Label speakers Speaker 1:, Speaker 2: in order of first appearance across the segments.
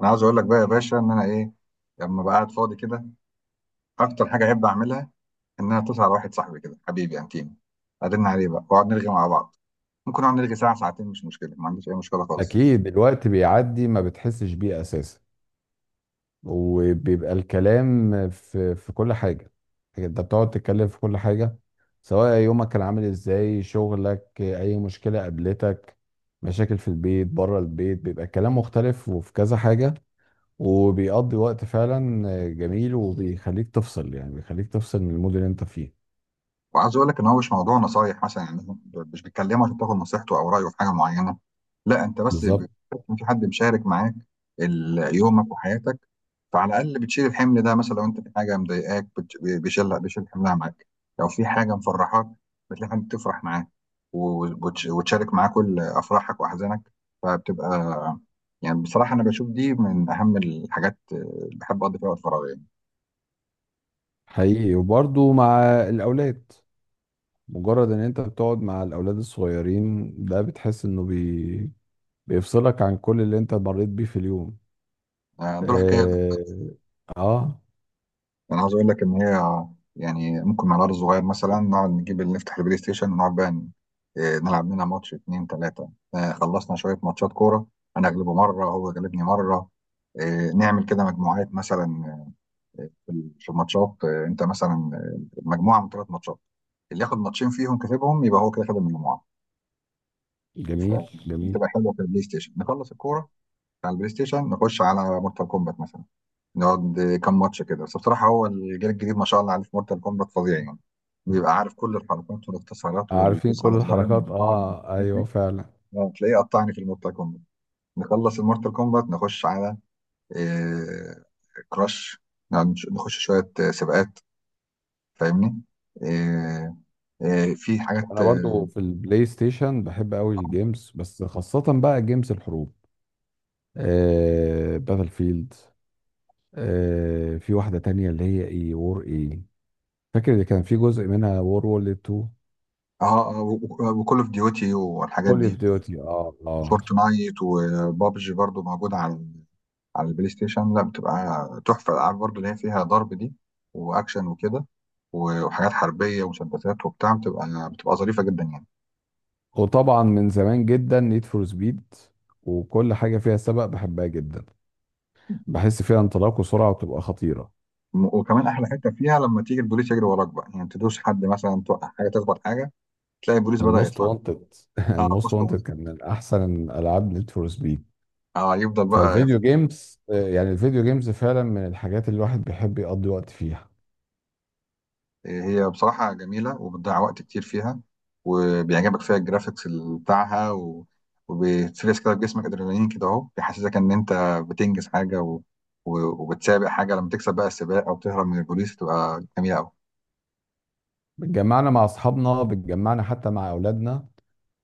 Speaker 1: انا عاوز اقول لك بقى يا باشا ان انا ايه. لما بقى قاعد فاضي كده، اكتر حاجه احب اعملها ان انا اتصل على واحد صاحبي كده، حبيبي انتيم، ارن عليه بقى واقعد نرغي مع بعض. ممكن نقعد نرغي ساعه ساعتين، مش مشكله، ما عنديش اي مشكله خالص.
Speaker 2: اكيد الوقت بيعدي ما بتحسش بيه اساسا. وبيبقى الكلام في كل حاجه، يعني انت بتقعد تتكلم في كل حاجه، سواء يومك كان عامل ازاي، شغلك، اي مشكله قابلتك، مشاكل في البيت، بره البيت، بيبقى الكلام مختلف وفي كذا حاجه. وبيقضي وقت فعلا جميل، وبيخليك تفصل، يعني بيخليك تفصل من المود اللي انت فيه.
Speaker 1: وعايز اقول لك ان هو مش موضوع نصايح مثلا يعني. مش بتكلمه عشان تاخد نصيحته او رايه في حاجه معينه. لا، انت بس
Speaker 2: بالظبط.
Speaker 1: بتحس ان في حد مشارك معاك يومك وحياتك. فعلى الاقل بتشيل الحمل ده، مثلا لو انت في حاجه مضايقاك، بيشيلها، بيشيل حملها معاك. لو في حاجه مفرحاك، بتلاقي حد تفرح معاه وتشارك معاه كل افراحك واحزانك. فبتبقى يعني بصراحه انا بشوف دي من اهم الحاجات اللي بحب اقضي فيها وقت فراغي يعني.
Speaker 2: حقيقي، وبرضه مع الاولاد. مجرد ان انت بتقعد مع الاولاد الصغيرين ده بتحس انه بيفصلك عن كل اللي انت مريت بيه في اليوم.
Speaker 1: دول حكايه.
Speaker 2: اه، آه.
Speaker 1: انا عاوز اقول لك ان هي يعني ممكن مع العيال الصغير مثلا نقعد نجيب اللي نفتح البلاي ستيشن ونقعد بقى إيه، نلعب لنا ماتش اتنين تلاته. خلصنا شويه ماتشات كوره، انا اغلبه مره هو غلبني مره. إيه، نعمل كده مجموعات مثلا. في الماتشات انت مثلا مجموعه من ثلاث ماتشات، اللي ياخد ماتشين فيهم كسبهم يبقى هو كده خد المجموعه.
Speaker 2: جميل جميل.
Speaker 1: فبتبقى حلوه. في البلاي ستيشن نخلص الكوره، على البلاي ستيشن نخش على مورتال كومبات مثلا، نقعد كام ماتش كده. بس بصراحة هو الجيل الجديد ما شاء الله عليه في مورتال كومبات فظيع يعني، بيبقى عارف كل الحركات والاختصارات
Speaker 2: عارفين
Speaker 1: والدوس
Speaker 2: كل
Speaker 1: على زرارين
Speaker 2: الحركات،
Speaker 1: من بعض
Speaker 2: اه
Speaker 1: والحاجات
Speaker 2: ايوه
Speaker 1: دي.
Speaker 2: فعلا.
Speaker 1: تلاقيه قطعني في المورتال كومبات. نخلص المورتال كومبات نخش على إيه، كراش. نقعد نخش شوية سباقات، فاهمني. إيه إيه، في حاجات.
Speaker 2: وانا برضو في البلاي ستيشن بحب قوي الجيمز، بس خاصة بقى جيمز الحروب. آه، باتل فيلد. آه في واحدة تانية اللي هي ايه، وور ايه، فاكر اللي كان في جزء منها، وور وورلد 2.
Speaker 1: اه، وكول اوف ديوتي والحاجات
Speaker 2: كول اوف
Speaker 1: دي.
Speaker 2: ديوتي، اه اه.
Speaker 1: فورتنايت وبابجي برضو موجودة على البلاي ستيشن. لا بتبقى تحفة، الألعاب برضه اللي هي فيها ضرب دي وأكشن وكده وحاجات حربية ومسدسات وبتاع، بتبقى ظريفة جدا يعني.
Speaker 2: وطبعا من زمان جدا نيد فور سبيد، وكل حاجه فيها سباق بحبها جدا، بحس فيها انطلاق وسرعه وبتبقى خطيره.
Speaker 1: وكمان أحلى حتة فيها لما تيجي البوليس يجري وراك بقى، يعني تدوس حد مثلا، توقع حاجة، تخبط حاجة، تلاقي البوليس بدأ
Speaker 2: الموست
Speaker 1: يطلع لك.
Speaker 2: وانتد
Speaker 1: اه
Speaker 2: الموست
Speaker 1: بوست.
Speaker 2: وانتد كان من احسن العاب نيد فور سبيد.
Speaker 1: اه يفضل بقى.
Speaker 2: فالفيديو جيمز، يعني الفيديو جيمز فعلا من الحاجات اللي الواحد بيحب يقضي وقت فيها.
Speaker 1: هي بصراحة جميلة وبتضيع وقت كتير فيها، وبيعجبك فيها الجرافيكس بتاعها، و... وبتفرز كده في جسمك ادرينالين كده اهو، بيحسسك ان انت بتنجز حاجة، و... و... وبتسابق حاجة، لما تكسب بقى السباق او تهرب من البوليس تبقى جميلة قوي.
Speaker 2: بتجمعنا مع اصحابنا، بتجمعنا حتى مع اولادنا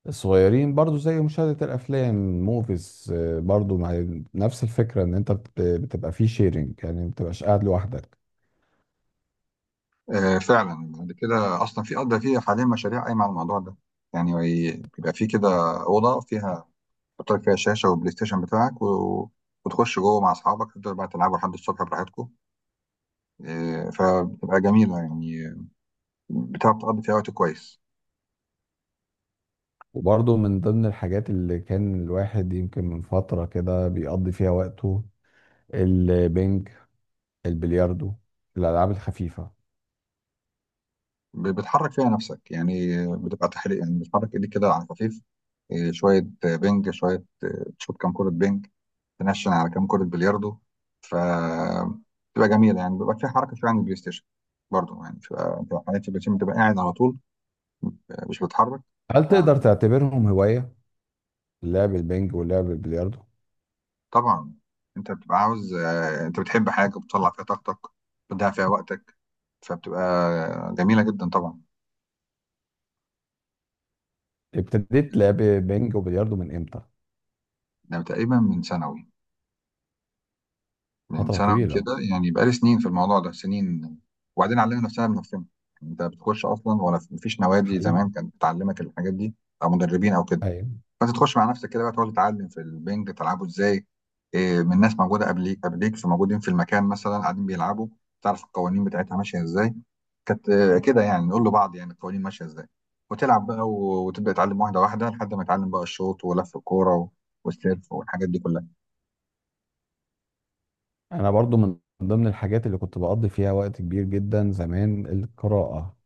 Speaker 2: الصغيرين، برضو زي مشاهده الافلام، موفيز، برضو مع نفس الفكره ان انت بتبقى فيه شيرنج، يعني ما بتبقاش قاعد لوحدك.
Speaker 1: آه فعلا، بعد كده اصلا في قضى فيها حاليا مشاريع قايمة على الموضوع ده يعني، بيبقى في كده أوضة فيها تحط لك فيها شاشة والبلاي ستيشن بتاعك، و... وتخش جوه مع اصحابك تفضلوا بقى تلعبوا لحد الصبح براحتكم. فبتبقى جميلة يعني، بتعرف تقضي فيها وقت كويس.
Speaker 2: وبرضه من ضمن الحاجات اللي كان الواحد يمكن من فترة كده بيقضي فيها وقته، البنج، البلياردو، الألعاب الخفيفة.
Speaker 1: بتحرك فيها نفسك يعني، بتبقى تحريك يعني بتحرك ايديك كده على خفيف. إيه، شوية بينج، شوية إيه، تشوط كام كرة بينج، تنشن على كام كرة بلياردو. ف بتبقى جميلة يعني، بيبقى فيها حركة شوية عن البلاي ستيشن. برضه يعني بتبقى حاجات في البلاي ستيشن بتبقى قاعد على طول، مش بتتحرك.
Speaker 2: هل تقدر تعتبرهم هواية، لعب البنج ولعب البلياردو؟
Speaker 1: فطبعا انت بتبقى عاوز انت بتحب حاجة بتطلع فيها طاقتك، بتضيع فيها وقتك، فبتبقى جميلة جدا طبعا.
Speaker 2: ابتديت لعب بنج وبلياردو من امتى؟
Speaker 1: ده تقريبا من سنة، من
Speaker 2: فترة
Speaker 1: ثانوي
Speaker 2: طويلة.
Speaker 1: كده يعني، بقالي سنين في الموضوع ده، سنين. وبعدين علمنا نفسنا بنفسنا. انت بتخش اصلا، ولا مفيش نوادي
Speaker 2: حقيقي.
Speaker 1: زمان كانت بتعلمك الحاجات دي او مدربين او كده.
Speaker 2: أيوة.
Speaker 1: فانت تخش مع نفسك كده بقى، تقعد تتعلم في البنج تلعبه ازاي. إيه، من ناس موجوده قبليك فموجودين في المكان مثلا قاعدين بيلعبوا، تعرف القوانين بتاعتها ماشيه ازاي. كانت كده يعني، نقول لبعض يعني القوانين ماشيه ازاي، وتلعب بقى وتبدا تتعلم واحده واحده لحد ما تتعلم بقى الشوط ولف الكوره والسيرف والحاجات دي كلها.
Speaker 2: أنا برضو من ضمن الحاجات اللي كنت بقضي فيها وقت كبير جدا زمان، القراءة.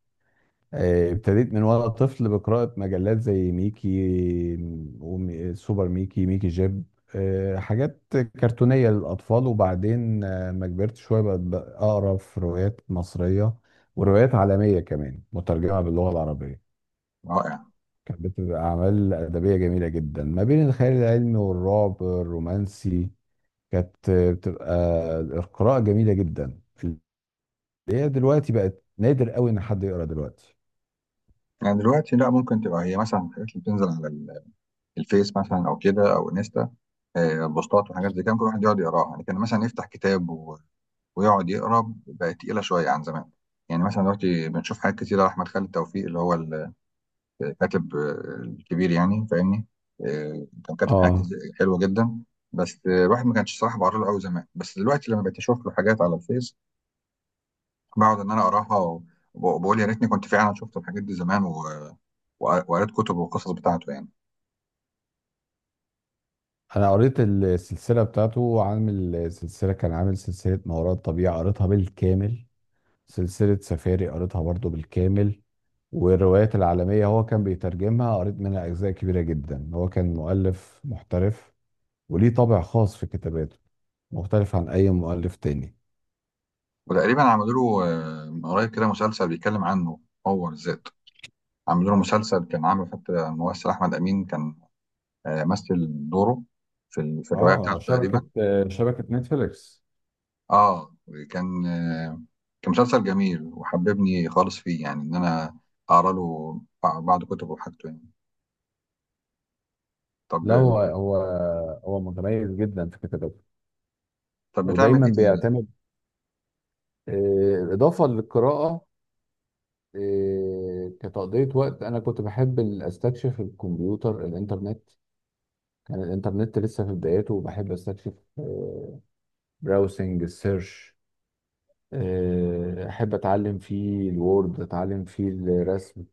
Speaker 2: ابتديت من وانا طفل بقراءة مجلات زي ميكي، سوبر ميكي، ميكي جيب، حاجات كرتونية للأطفال. وبعدين ما كبرت شوية بقت أقرأ في روايات مصرية وروايات عالمية كمان مترجمة باللغة العربية. كانت بتبقى أعمال أدبية جميلة جدا، ما بين الخيال العلمي والرعب الرومانسي. كانت بتبقى القراءة جميلة جدا، اللي هي دلوقتي بقت نادر قوي إن حد يقرأ دلوقتي.
Speaker 1: يعني دلوقتي لا، ممكن تبقى هي مثلا الحاجات اللي بتنزل على الفيس مثلا او كده او انستا، بوستات وحاجات زي كده ممكن الواحد يقعد يقراها. يعني كان مثلا يفتح كتاب ويقعد يقرا، بقت تقيله شويه عن زمان. يعني مثلا دلوقتي بنشوف حاجات كتيره، احمد خالد توفيق اللي هو الكاتب الكبير يعني، فاهمني. كان كاتب حاجات
Speaker 2: اه.
Speaker 1: حلوه جدا. بس الواحد ما كانش صراحه بقرا له قوي زمان، بس دلوقتي لما بقيت اشوف له حاجات على الفيس، بقعد ان انا اقراها، وبقول يا ريتني كنت فعلا شفت الحاجات دي زمان، وقريت كتب وقصص بتاعته يعني.
Speaker 2: انا قريت السلسله بتاعته، عامل سلسله، كان عامل سلسله ما وراء الطبيعه قريتها بالكامل، سلسله سفاري قريتها برضو بالكامل. والروايات العالميه هو كان بيترجمها، قريت منها اجزاء كبيره جدا. هو كان مؤلف محترف وليه طابع خاص في كتاباته، مختلف عن اي مؤلف تاني.
Speaker 1: وتقريبا عملوا له من قريب كده مسلسل بيتكلم عنه هو بالذات، عملوا له مسلسل كان عامل، حتى الممثل احمد امين كان مثل دوره في الروايه
Speaker 2: اه
Speaker 1: بتاعته
Speaker 2: شبكة،
Speaker 1: تقريبا.
Speaker 2: شبكة نتفليكس.
Speaker 1: اه. كان آه، كان مسلسل جميل، وحببني خالص فيه يعني، ان انا اقرا له بعض كتبه وحاجته يعني. طب.
Speaker 2: لا هو هو متميز جدا في كتاباته،
Speaker 1: طب بتعمل
Speaker 2: ودايما
Speaker 1: ايه تاني؟
Speaker 2: بيعتمد. اضافه للقراءه، إيه، كتقضية وقت، أنا كنت بحب أستكشف الكمبيوتر، الإنترنت. كان الإنترنت لسه في بدايته وبحب أستكشف، براوسنج، السيرش. أحب أتعلم فيه الوورد، أتعلم فيه الرسم.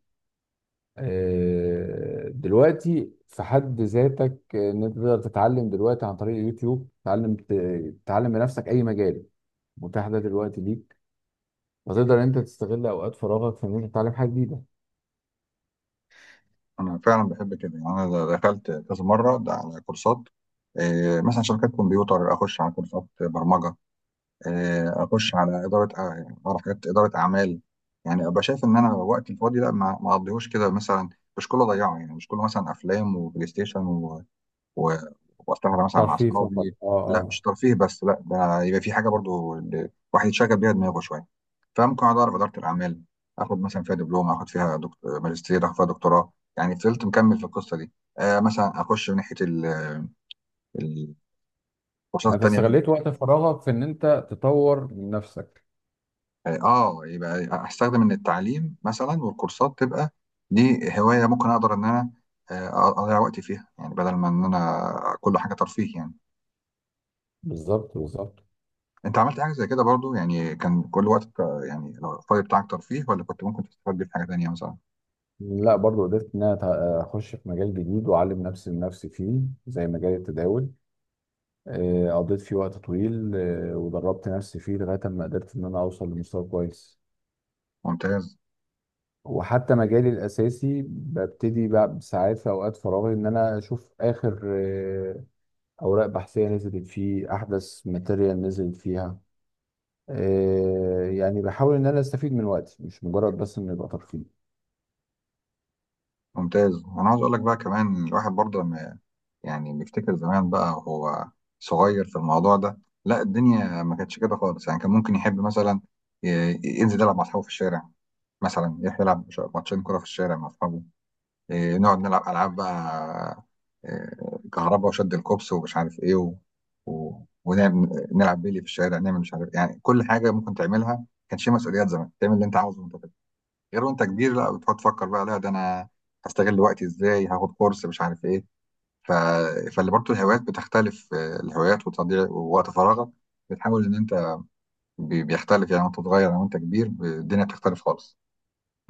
Speaker 2: دلوقتي في حد ذاتك، إن أنت تقدر تتعلم دلوقتي عن طريق اليوتيوب، تتعلم تتعلم بنفسك أي مجال متاح ده دلوقتي ليك. وتقدر إن أنت تستغل أوقات فراغك في إن أنت تتعلم حاجة جديدة.
Speaker 1: انا فعلا بحب كده يعني، انا دخلت كذا مره ده على كورسات مثلا شبكات كمبيوتر، اخش على كورسات برمجه اخش على اداره على حاجات اداره اعمال. يعني ابقى شايف ان انا وقتي الفاضي لا، ما اقضيهوش كده مثلا، مش كله ضيعه يعني، مش كله مثلا افلام وبلاي ستيشن، و... و... واستمتع مثلا مع
Speaker 2: ترفيه فقط،
Speaker 1: اصحابي.
Speaker 2: اه
Speaker 1: لا،
Speaker 2: آه.
Speaker 1: مش ترفيه بس، لا ده يبقى في حاجه برضو الواحد يتشغل بيها دماغه شويه. فممكن اقعد اعرف اداره الاعمال، اخد مثلا فيها دبلوم، اخد فيها ماجستير، اخد فيها دكتوراه، يعني فضلت مكمل في القصه دي. آه مثلا اخش من ناحيه الكورسات
Speaker 2: يعني انت
Speaker 1: التانيه.
Speaker 2: استغليت وقت فراغك في ان انت تطور من نفسك.
Speaker 1: يعني اه يبقى استخدم ان التعليم مثلا والكورسات تبقى دي هوايه، ممكن اقدر ان انا اضيع وقتي فيها، يعني بدل ما ان انا كل حاجه ترفيه يعني.
Speaker 2: بالظبط بالظبط.
Speaker 1: انت عملت حاجه زي كده برضو يعني، كان كل وقتك يعني لو الفاضي بتاعك ترفيه، ولا كنت ممكن تستفاد بيه في حاجه تانيه مثلا؟
Speaker 2: لا برضو قدرت ان انا اخش في مجال جديد، واعلم نفسي من نفسي فيه، زي مجال التداول. قضيت فيه وقت طويل، ودربت نفسي فيه لغايه ما قدرت ان انا اوصل لمستوى كويس.
Speaker 1: ممتاز.
Speaker 2: وحتى مجالي الاساسي ببتدي بقى ساعات في اوقات فراغي ان انا اشوف اخر اوراق بحثيه نزلت فيه، احدث ماتيريال نزلت فيها. يعني بحاول ان انا استفيد من وقتي، مش مجرد بس انه يبقى ترفيه.
Speaker 1: ممتاز، انا عاوز اقول لك بقى كمان الواحد برضه لما يعني بيفتكر زمان بقى وهو صغير في الموضوع ده، لا الدنيا ما كانتش كده خالص يعني. كان ممكن يحب مثلا ينزل يلعب مع اصحابه في الشارع، مثلا يروح يلعب ماتشين كرة في الشارع مع أصحابه. إيه، نقعد نلعب ألعاب بقى، إيه، كهرباء وشد الكوبس ومش عارف إيه، و... و... ونلعب بيلي في الشارع، نعمل مش عارف يعني كل حاجة ممكن تعملها. ما كانش فيه مسؤوليات زمان، تعمل اللي أنت عاوزه وأنت طفل، غير وأنت كبير لا، بتقعد تفكر بقى لا ده أنا هستغل وقتي إزاي، هاخد كورس مش عارف إيه. ف... فاللي برضه الهوايات بتختلف الهوايات وتضييع ووقت فراغك، بتحاول إن أنت بيختلف يعني، وأنت صغير أو وأنت كبير الدنيا بتختلف خالص.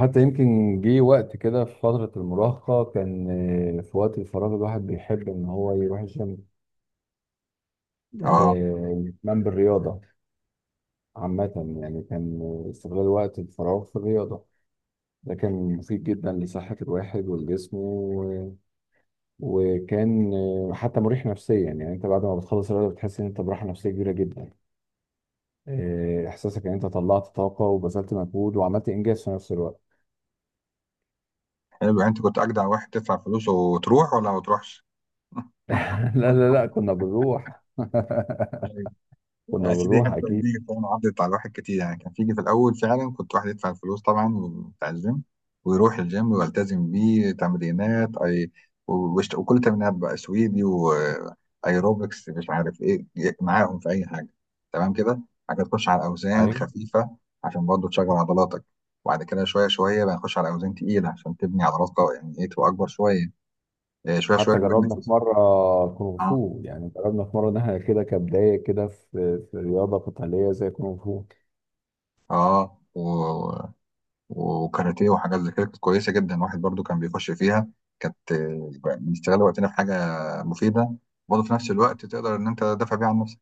Speaker 2: حتى يمكن جه وقت كده في فترة المراهقة، كان في وقت الفراغ الواحد بيحب ان هو يروح الجيم.
Speaker 1: اه
Speaker 2: يهتم بالرياضة عامة. يعني كان استغلال وقت الفراغ في الرياضة ده كان مفيد جدا لصحة الواحد والجسم، و- وكان حتى مريح نفسيا. يعني انت بعد ما بتخلص الرياضة بتحس ان انت براحة نفسية كبيرة جدا. احساسك ان انت طلعت طاقة وبذلت مجهود وعملت انجاز في نفس الوقت.
Speaker 1: حلو، انت كنت اجدع واحد تدفع فلوس وتروح، ولا ما تروحش؟
Speaker 2: لا لا لا، كنا بنروح
Speaker 1: طيب.
Speaker 2: كنا
Speaker 1: يا سيدي
Speaker 2: بنروح
Speaker 1: حتى
Speaker 2: اكيد.
Speaker 1: دي كمان عدت على الواحد كتير يعني، كان فيجي في الاول فعلا كنت واحد يدفع الفلوس طبعا بتاع الجيم، ويروح الجيم ويلتزم بيه تمرينات اي، وكل تمرينات بقى سويدي، وايروبكس مش عارف ايه إيه، معاهم في اي حاجه. تمام كده، حاجه تخش على اوزان
Speaker 2: ايوه.
Speaker 1: خفيفه عشان برضه تشغل عضلاتك، وبعد كده شويه شويه بقى نخش على اوزان تقيله عشان تبني عضلات قويه، يعني ايه تبقى اكبر شويه، إيه، شويه شويه
Speaker 2: حتى
Speaker 1: بنبني.
Speaker 2: جربنا في مره كونغ فو، يعني جربنا في مره ان احنا كده كبدايه كده في في رياضه قتاليه زي كونغ فو.
Speaker 1: اه، و... وكاراتيه وحاجات زي كده كانت كويسه جدا، الواحد برضو كان بيخش فيها، كانت بنشتغل وقتنا في حاجه مفيده، برضه في نفس الوقت تقدر ان انت تدافع بيها عن نفسك.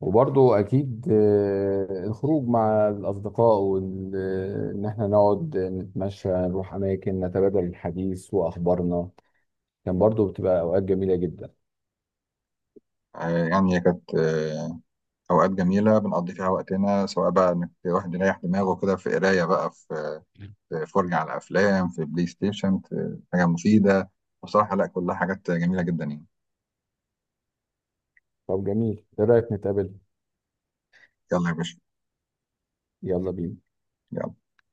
Speaker 2: وبرضه اكيد الخروج مع الاصدقاء وان احنا نقعد نتمشى، نروح اماكن، نتبادل الحديث واخبارنا، كان برضه بتبقى اوقات جميله جدا.
Speaker 1: يعني هي كانت اوقات جميله بنقضي فيها وقتنا، سواء بقى انك الواحد يريح دماغه كده في قرايه بقى، في فرجه على افلام، في بلاي ستيشن، في حاجه مفيده. بصراحه لا كلها حاجات جميله جدا يعني.
Speaker 2: طب جميل، ايه رايك نتقابل؟
Speaker 1: يلا يا باشا.
Speaker 2: يلا بينا.
Speaker 1: يلا.